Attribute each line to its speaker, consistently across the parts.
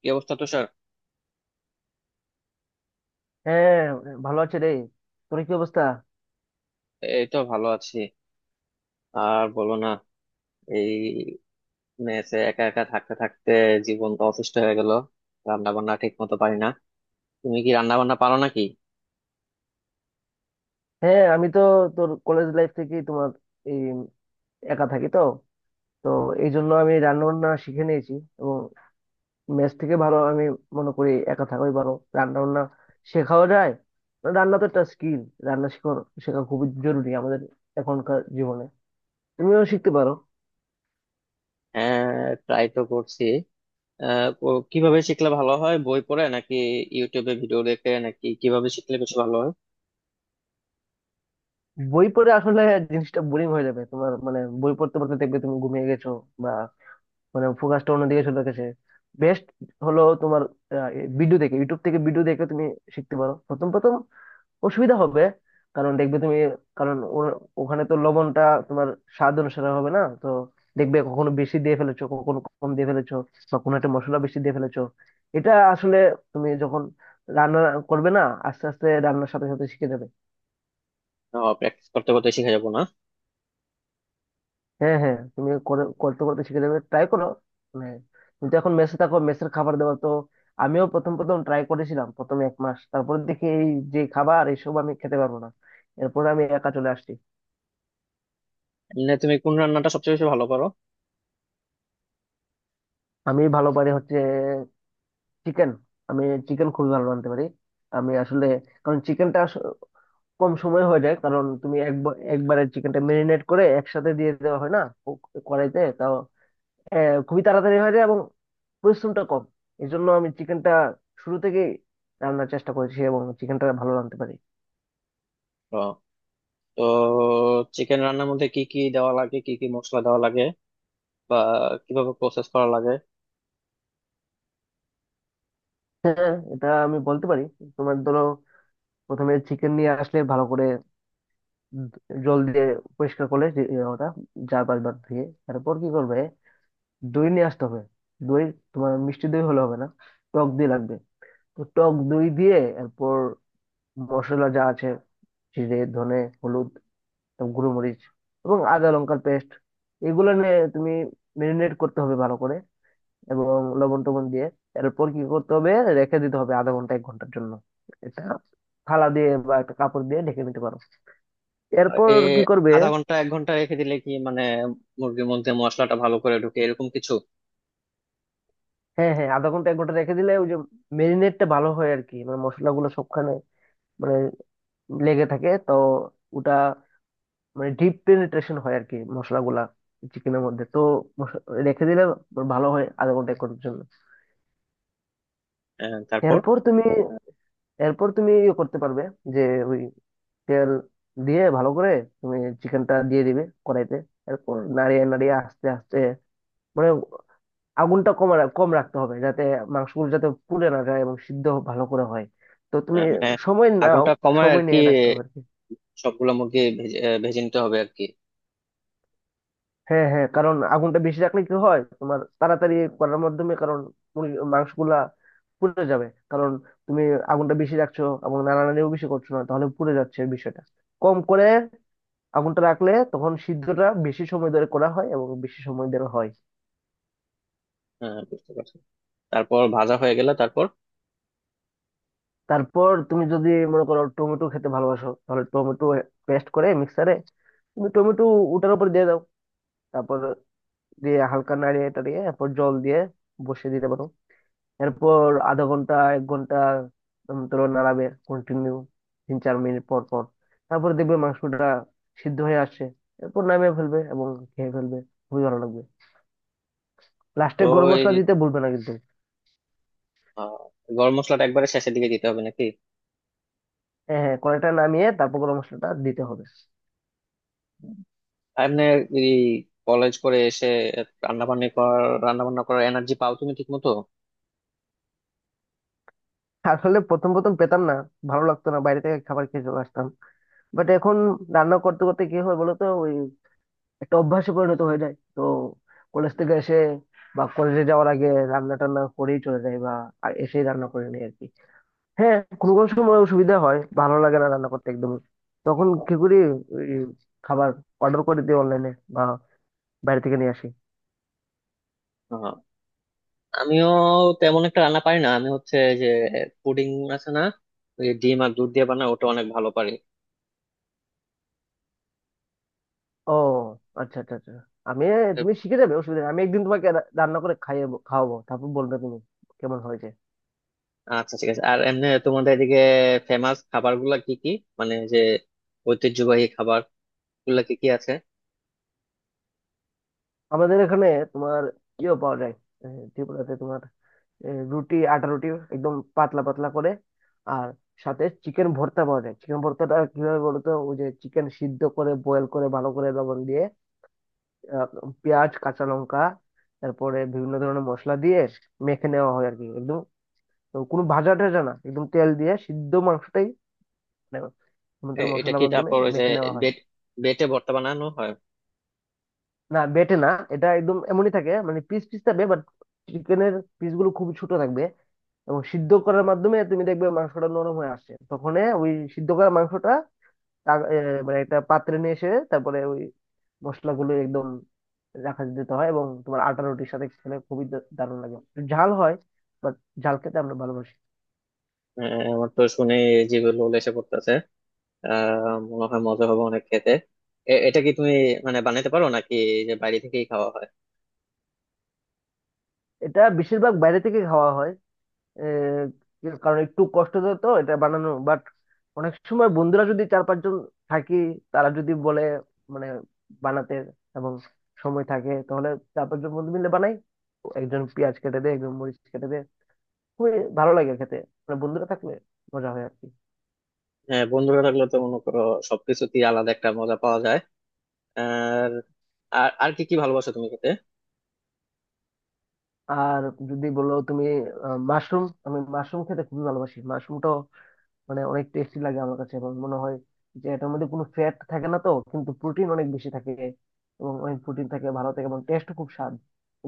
Speaker 1: কি অবস্থা তুষার?
Speaker 2: হ্যাঁ, ভালো আছে রে। তোর কি অবস্থা?
Speaker 1: এই তো ভালো আছি। আর বলো না, এই মেসে একা একা থাকতে থাকতে জীবনটা অসুস্থ হয়ে গেল। রান্না বান্না ঠিক মতো পারি না। তুমি কি রান্না বান্না পারো নাকি?
Speaker 2: হ্যাঁ, আমি তো তোর কলেজ লাইফ থেকে তোমার এই একা থাকি তো। তো এই জন্য আমি রান্না বান্না শিখে নিয়েছি, এবং মেস থেকে ভালো আমি মনে করি একা থাকাই ভালো। রান্না বান্না শেখাও যায়। রান্না তো একটা স্কিল। রান্না শেখা শেখা খুবই জরুরি আমাদের এখনকার জীবনে। তুমিও শিখতে পারো।
Speaker 1: হ্যাঁ, ট্রাই তো করছি। কিভাবে শিখলে ভালো হয়? বই পড়ে নাকি ইউটিউবে ভিডিও দেখে নাকি কিভাবে শিখলে বেশি ভালো হয়?
Speaker 2: বই পড়ে আসলে জিনিসটা বোরিং হয়ে যাবে তোমার, মানে বই পড়তে পড়তে দেখবে তুমি ঘুমিয়ে গেছো, মানে ফোকাসটা অন্যদিকে চলে গেছে। বেস্ট হলো তোমার ভিডিও দেখে, ইউটিউব থেকে ভিডিও দেখে তুমি শিখতে পারো। প্রথম প্রথম অসুবিধা হবে, কারণ দেখবে তুমি, কারণ ওখানে তো লবণটা তোমার স্বাদ অনুসারে হবে না তো। দেখবে কখনো বেশি দিয়ে ফেলেছো, কখনো কম দিয়ে ফেলেছো, বা কোনো একটা মশলা বেশি দিয়ে ফেলেছো। এটা আসলে তুমি যখন রান্না করবে না, আস্তে আস্তে রান্নার সাথে সাথে শিখে যাবে।
Speaker 1: প্র্যাকটিস করতে করতে শিখে যাবো না?
Speaker 2: হ্যাঁ, হ্যাঁ, তুমি করতে করতে শিখে যাবে, ট্রাই করো। মানে তুমি তো এখন মেসে থাকো, মেসের খাবার দাবার তো। আমিও প্রথম প্রথম ট্রাই করেছিলাম প্রথম 1 মাস, তারপরে দেখি এই যে খাবার এইসব আমি খেতে পারবো না। এরপর আমি একা চলে আসছি।
Speaker 1: এমনি তুমি কোন রান্নাটা সবচেয়ে বেশি ভালো পারো?
Speaker 2: আমি ভালো পারি হচ্ছে চিকেন। আমি চিকেন খুবই ভালো রাঁধতে পারি। আমি আসলে, কারণ চিকেনটা কম সময় হয়ে যায়, কারণ তুমি একবার, একবারে চিকেনটা মেরিনেট করে একসাথে দিয়ে দেওয়া হয় না। ও- কড়াইতে তাও খুবই তাড়াতাড়ি হয়ে যায়, এবং পরিশ্রমটা কম। এই জন্য আমি চিকেনটা শুরু থেকে রান্নার চেষ্টা করেছি এবং চিকেনটা ভালো রাঁধতে পারি।
Speaker 1: ও, তো চিকেন রান্নার মধ্যে কি কি দেওয়া লাগে? কি কি মশলা দেওয়া লাগে বা কিভাবে প্রসেস করা লাগে?
Speaker 2: হ্যাঁ, এটা আমি বলতে পারি। তোমার ধরো, প্রথমে চিকেন নিয়ে আসলে ভালো করে জল দিয়ে পরিষ্কার করলে যে- এ ওটা 4-5 বার ধুয়ে, তারপর কি করবে? দই নিয়ে আসতে হবে। দই, তোমার মিষ্টি দই হলে হবে না, টক দই লাগবে। তো টক দই দিয়ে, এরপর মশলা যা আছে— জিরে, ধনে, হলুদ, এবং গুঁড়োমরিচ, এবং আদা লঙ্কার পেস্ট, এগুলো নিয়ে তুমি মেরিনেট করতে হবে ভালো করে, এবং লবণ টবণ দিয়ে। এরপর কি করতে হবে? রেখে দিতে হবে আধা ঘন্টা 1 ঘন্টার জন্য। এটা থালা দিয়ে বা একটা কাপড় দিয়ে ঢেকে নিতে পারো। এরপর
Speaker 1: এ
Speaker 2: কি করবে?
Speaker 1: আধা ঘন্টা এক ঘন্টা রেখে দিলে কি মানে মুরগির মধ্যে মশলাটা ভালো করে ঢুকে এরকম কিছু?
Speaker 2: হ্যাঁ, হ্যাঁ, আধা ঘন্টা 1 ঘন্টা রেখে দিলে ওই যে মেরিনেটটা ভালো হয় আর কি, মানে মশলাগুলো সবখানে, মানে লেগে থাকে তো, ওটা, মানে ডিপ পেনিট্রেশন হয় আর কি মশলাগুলা চিকেনের মধ্যে তো। মশ- রেখে দিলে ভালো হয় আধা ঘন্টা 1 ঘন্টার জন্য।
Speaker 1: তারপর?
Speaker 2: এরপর তুমি, এরপর তুমি ইয়ে করতে পারবে, যে ওই তেল দিয়ে ভালো করে তুমি চিকেনটা দিয়ে দিবে কড়াইতে। এরপর নাড়িয়ে নাড়িয়ে আস্তে আস্তে, মানে আগুনটা কম কম রাখতে হবে যাতে মাংসগুলো যাতে পুড়ে না যায় এবং সিদ্ধ ভালো করে হয়। তো তুমি
Speaker 1: মানে
Speaker 2: সময় নাও,
Speaker 1: আগুনটা কমায় আর
Speaker 2: সময়
Speaker 1: কি?
Speaker 2: নিয়ে রাখতে হবে আর কি।
Speaker 1: সবগুলো মুরগি ভেজে ভেজে নিতে হবে আর কি?
Speaker 2: হ্যাঁ, হ্যাঁ, কারণ আগুনটা বেশি রাখলে কি হয় তোমার, তাড়াতাড়ি করার মাধ্যমে, কারণ মাংসগুলা পুড়ে যাবে, কারণ তুমি আগুনটা বেশি রাখছো এবং নাড়ানাড়িও বেশি করছো না, তাহলে পুড়ে যাচ্ছে বিষয়টা। কম করে আগুনটা রাখলে তখন সিদ্ধটা বেশি সময় ধরে করা হয় এবং বেশি সময় ধরে হয়।
Speaker 1: বুঝতে পারছি। তারপর ভাজা হয়ে গেলে তারপর?
Speaker 2: তারপর তুমি যদি মনে করো টমেটো খেতে ভালোবাসো, তাহলে টমেটো পেস্ট করে মিক্সারে, তুমি টমেটো ওটার উপর দিয়ে দাও। তারপর দিয়ে হালকা নাড়িয়ে টাড়িয়ে এরপর জল দিয়ে বসিয়ে দিতে পারো। এরপর আধা ঘন্টা 1 ঘন্টা ধরো নাড়াবে কন্টিনিউ 3-4 মিনিট পর পর। তারপর দেখবে মাংসটা সিদ্ধ হয়ে আসছে। এরপর নামিয়ে ফেলবে এবং খেয়ে ফেলবে, খুবই ভালো লাগবে।
Speaker 1: তো
Speaker 2: লাস্টে গরম
Speaker 1: ওই
Speaker 2: মশলা দিতে ভুলবে না কিন্তু।
Speaker 1: আহ, গরম মশলাটা একবারে শেষের দিকে দিতে হবে নাকি?
Speaker 2: হ্যাঁ, হ্যাঁ, কড়াইটা নামিয়ে তারপর গরম মশলাটা দিতে হবে।
Speaker 1: এমনি এই কলেজ করে এসে রান্না বান্না করার এনার্জি পাও তুমি ঠিক মতো?
Speaker 2: আসলে প্রথম প্রথম পেতাম না, ভালো লাগতো না, বাইরে থেকে খাবার খেয়ে চলে আসতাম। বাট এখন রান্না করতে করতে কি হয় বলতো, ওই একটা অভ্যাসে পরিণত হয়ে যায় তো। কলেজ থেকে এসে বা কলেজে যাওয়ার আগে রান্না টান্না করেই চলে যায়, বা আর এসেই রান্না করে নিই আর কি। হ্যাঁ, কোনো কোনো সময় অসুবিধা হয়, ভালো লাগে না রান্না করতে একদমই। তখন কি করি? ওই খাবার অর্ডার করে দিই অনলাইনে, বা বাইরে থেকে নিয়ে আসি।
Speaker 1: আমিও তেমন একটা রান্না পারি না। আমি হচ্ছে যে পুডিং আছে না, ওই ডিম আর দুধ দিয়ে বানায়, ওটা অনেক ভালো পারি।
Speaker 2: ও, আচ্ছা, আচ্ছা, আচ্ছা। আমি তুমি শিখে যাবে, অসুবিধা নেই, আমি একদিন তোমাকে রান্না করে খাইয়ে খাওয়াবো, তারপর বলবে তুমি কেমন হয়েছে।
Speaker 1: আচ্ছা, ঠিক আছে। আর এমনি তোমাদের এদিকে ফেমাস খাবার গুলা কি কি? মানে যে ঐতিহ্যবাহী খাবার গুলা কি কি আছে?
Speaker 2: আমাদের এখানে তোমার ইয়েও পাওয়া যায়, এ, ত্রিপুরাতে তোমার রুটি, আটা রুটি একদম পাতলা পাতলা করে, আর সাথে চিকেন ভর্তা পাওয়া যায়। চিকেন ভর্তাটা কিভাবে বলো তো, ওই যে চিকেন সিদ্ধ করে বয়েল করে ভালো করে লবণ দিয়ে, আহ, পেঁয়াজ, কাঁচা লঙ্কা, তারপরে বিভিন্ন ধরনের মশলা দিয়ে মেখে নেওয়া হয় আর কি, একদম, কোনো ভাজা টাজা না, একদম তেল দিয়ে সিদ্ধ মাংসটাই, মানে সমুদ্র
Speaker 1: এ- এটা
Speaker 2: মশলার
Speaker 1: কি
Speaker 2: মাধ্যমে
Speaker 1: তারপর ওই যে
Speaker 2: মেখে নেওয়া হয়।
Speaker 1: বেট বেটে ভর্তা বানানো হয়?
Speaker 2: না, বেটে না, এটা একদম এমনই থাকে, মানে পিস পিস থাকবে। বাট চিকেনের পিস গুলো খুব ছোট থাকবে এবং সিদ্ধ করার মাধ্যমে তুমি দেখবে মাংসটা নরম হয়ে আসছে তখন, ওই সিদ্ধ করা মাংসটা তা- এ, মানে একটা পাত্রে নিয়ে এসে, তারপরে ওই মশলাগুলো একদম রাখা দিতে হয়, এবং তোমার আটা রুটির সাথে খেলে খুবই দারুণ লাগে, একটু ঝাল হয় বাট ঝাল খেতে আমরা ভালোবাসি।
Speaker 1: আহ, আমার তো শুনে জিভে লোল এসে পড়তেছে। আহ, মনে হয় মজা হবে অনেক খেতে। এ- এটা কি তুমি মানে বানাইতে পারো নাকি যে বাইরে থেকেই খাওয়া হয়?
Speaker 2: এটা বেশিরভাগ বাইরে থেকে খাওয়া হয়, এ, কারণ একটু কষ্ট তো তো এটা বানানো। বাট অনেক সময় বন্ধুরা যদি 4-5 জন থাকি, তারা যদি বলে মানে বানাতে, এবং সময় থাকে, তাহলে 4-5 জন বন্ধু মিলে বানাই। একজন পেঁয়াজ কেটে দেয়, একজন মরিচ কেটে দেয়, খুবই ভালো লাগে খেতে, মানে বন্ধুরা থাকলে মজা হয় আর কি।
Speaker 1: হ্যাঁ, বন্ধুরা থাকলে তো মনে করো সবকিছুতেই আলাদা একটা মজা পাওয়া যায়। আর আর আর কি কি ভালোবাসো তুমি খেতে?
Speaker 2: আর যদি বলো তুমি, মাশরুম। আমি মাশরুম খেতে খুবই ভালোবাসি, মাশরুমটাও মানে অনেক টেস্টি লাগে আমার কাছে, এবং মনে হয় যে এটার মধ্যে কোনো ফ্যাট থাকে না তো, কিন্তু প্রোটিন অনেক বেশি থাকে এবং অনেক প্রোটিন থাকে, ভালো থাকে এবং টেস্ট, খুব স্বাদ।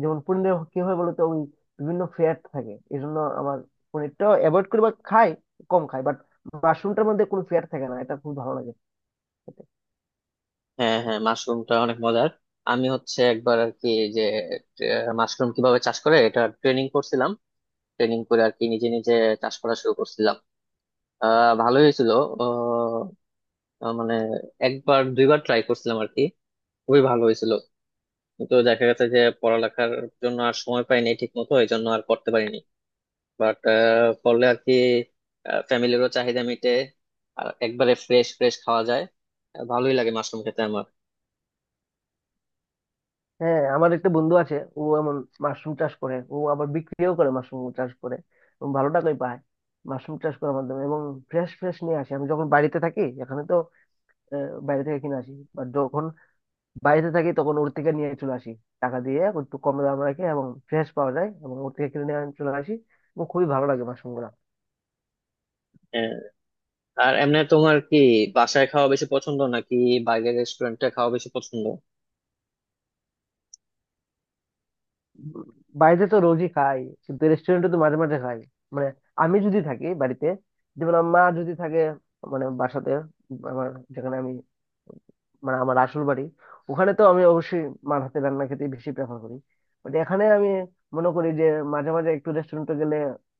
Speaker 2: যেমন পনিরে কি হয় বলতো, ওই বিভিন্ন ফ্যাট থাকে, এই জন্য আমার পনিরটা অ্যাভয়েড করি বা খাই কম খাই। বাট মাশরুমটার মধ্যে কোনো ফ্যাট থাকে না, এটা খুব ভালো লাগে খেতে।
Speaker 1: হ্যাঁ হ্যাঁ, মাশরুমটা অনেক মজার। আমি হচ্ছে একবার আর কি যে মাশরুম কিভাবে চাষ করে এটা ট্রেনিং করছিলাম। ট্রেনিং করে আর কি নিজে নিজে চাষ করা শুরু করছিলাম। আহ, ভালোই হয়েছিল। আহ, আহ, মানে একবার দুইবার ট্রাই করছিলাম আর কি, খুবই ভালো হয়েছিল। কিন্তু দেখা গেছে যে পড়ালেখার জন্য আর সময় পাইনি ঠিক মতো, এই জন্য আর করতে পারিনি। বাট করলে আর কি ফ্যামিলিরও চাহিদা মিটে, আর একবারে ফ্রেশ ফ্রেশ খাওয়া যায়। ভালোই লাগে মাশরুম খেতে আমার।
Speaker 2: হ্যাঁ, আমার একটা বন্ধু আছে, ও এমন মাশরুম চাষ করে, ও আবার বিক্রিও করে মাশরুম চাষ করে এবং ভালো টাকাই পায় মাশরুম চাষ করার মাধ্যমে, এবং ফ্রেশ ফ্রেশ নিয়ে আসে। আমি যখন বাড়িতে থাকি এখানে তো বাইরে থেকে কিনে আসি, বা যখন বাইরে থাকি তখন ওর থেকে নিয়ে চলে আসি টাকা দিয়ে। এখন একটু কম দাম রাখে এবং ফ্রেশ পাওয়া যায় এবং ওর থেকে কিনে নিয়ে আমি চলে আসি, এবং খুবই ভালো লাগে মাশরুমগুলা।
Speaker 1: আহ, আর এমনি তোমার কি বাসায় খাওয়া বেশি পছন্দ নাকি বাইরের রেস্টুরেন্টে খাওয়া বেশি পছন্দ?
Speaker 2: বাইরে তো রোজই খাই, কিন্তু রেস্টুরেন্টে তো মাঝে মাঝে খাই। মানে আমি যদি থাকি বাড়িতে, যেমন আমার মা যদি থাকে মানে বাসাতে, আমার, যেখানে আমি, মানে আমার আসল বাড়ি, ওখানে তো আমি অবশ্যই মার হাতে রান্না খেতে বেশি প্রেফার করি। বাট এখানে আমি মনে করি যে মাঝে মাঝে একটু রেস্টুরেন্টে গেলে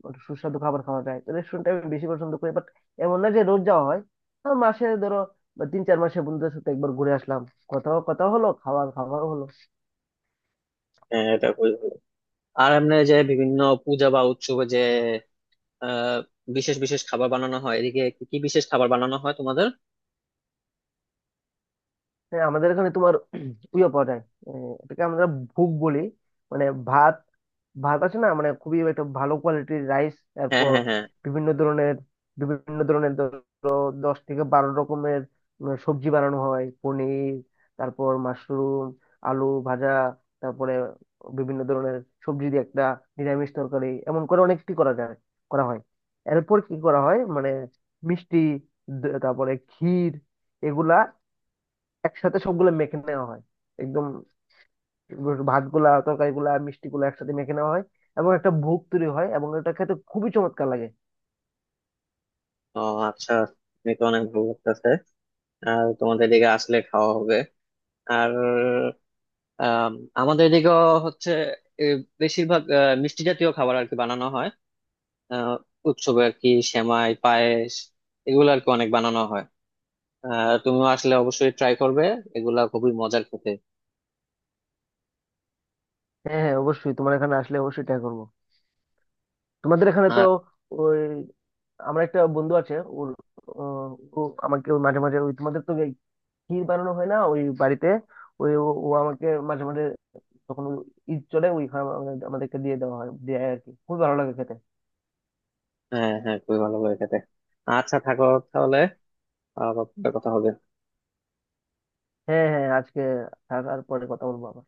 Speaker 2: একটু সুস্বাদু খাবার খাওয়া যায় তো, রেস্টুরেন্টে আমি বেশি পছন্দ করি। বাট এমন না যে রোজ যাওয়া হয়, হ্যাঁ, মাসে ধরো বা 3-4 মাসে বন্ধুদের সাথে একবার ঘুরে আসলাম, কথাও কথা হলো, খাওয়া খাওয়াও হলো।
Speaker 1: হ্যাঁ, এটা খুবই ভালো। আর এমনি যে বিভিন্ন পূজা বা উৎসবে যে আহ বিশেষ বিশেষ খাবার বানানো হয়, এদিকে কি কি বিশেষ খাবার বানানো হয় তোমাদের?
Speaker 2: হ্যাঁ, আমাদের এখানে তোমার ইয়ে পাওয়া যায়, এটাকে আমরা ভুগ বলি। মানে ভাত, ভাত আছে না, মানে খুবই একটা ভালো কোয়ালিটির রাইস,
Speaker 1: হ্যাঁ
Speaker 2: তারপর
Speaker 1: হ্যাঁ হ্যাঁ।
Speaker 2: বিভিন্ন ধরনের বিভিন্ন ধরনের ধরো 10 থেকে 12 রকমের সবজি বানানো হয়— পনির, তারপর মাশরুম, আলু ভাজা, তারপরে বিভিন্ন ধরনের সবজি দিয়ে একটা নিরামিষ তরকারি এমন করে অনেকটি করা যায়, করা হয়। এরপর কি করা হয় মানে মিষ্টি, তারপরে ক্ষীর, এগুলা একসাথে সবগুলো মেখে নেওয়া হয়। একদম ভাত গুলা, তরকারি গুলা, মিষ্টি গুলা একসাথে মেখে নেওয়া হয়, এবং একটা ভোগ তৈরি হয়, এবং এটা খেতে খুবই চমৎকার লাগে।
Speaker 1: ও, আচ্ছা। তুমি তো অনেক ভালো লাগতেছে। আর তোমাদের এদিকে আসলে খাওয়া হবে। আর আম, আমাদের এদিকেও হচ্ছে এ, বেশিরভাগ মিষ্টি জাতীয় খাবার আর কি বানানো হয়। আহ, উৎসবে আর কি সেমাই পায়েস এগুলো আর কি অনেক বানানো হয়। তুমিও আসলে অবশ্যই ট্রাই করবে, এগুলা খুবই মজার খেতে।
Speaker 2: হ্যাঁ, হ্যাঁ, অবশ্যই তোমার এখানে আসলে অবশ্যই ট্রাই করবো। তোমাদের এখানে তো
Speaker 1: আর
Speaker 2: ওই, আমার একটা বন্ধু আছে, ওর, ও ও আমাকে ওই মাঝে মাঝে, ওই তোমাদের তো এই ক্ষীর বানানো হয় না ওই বাড়িতে, ওই ও ও আমাকে মাঝে মাঝে যখন ওই ঈদ চলে, ওই খাবার আমাদেরকে দিয়ে দেওয়া হয় দেয় আর কি, খুবই ভালো লাগে খেতে।
Speaker 1: হ্যাঁ হ্যাঁ, খুবই ভালো করে খেতে। আচ্ছা থাকো তাহলে, আবার পরে কথা হবে।
Speaker 2: হ্যাঁ, হ্যাঁ, আজকে থাকার পরে কথা বলবো আবার।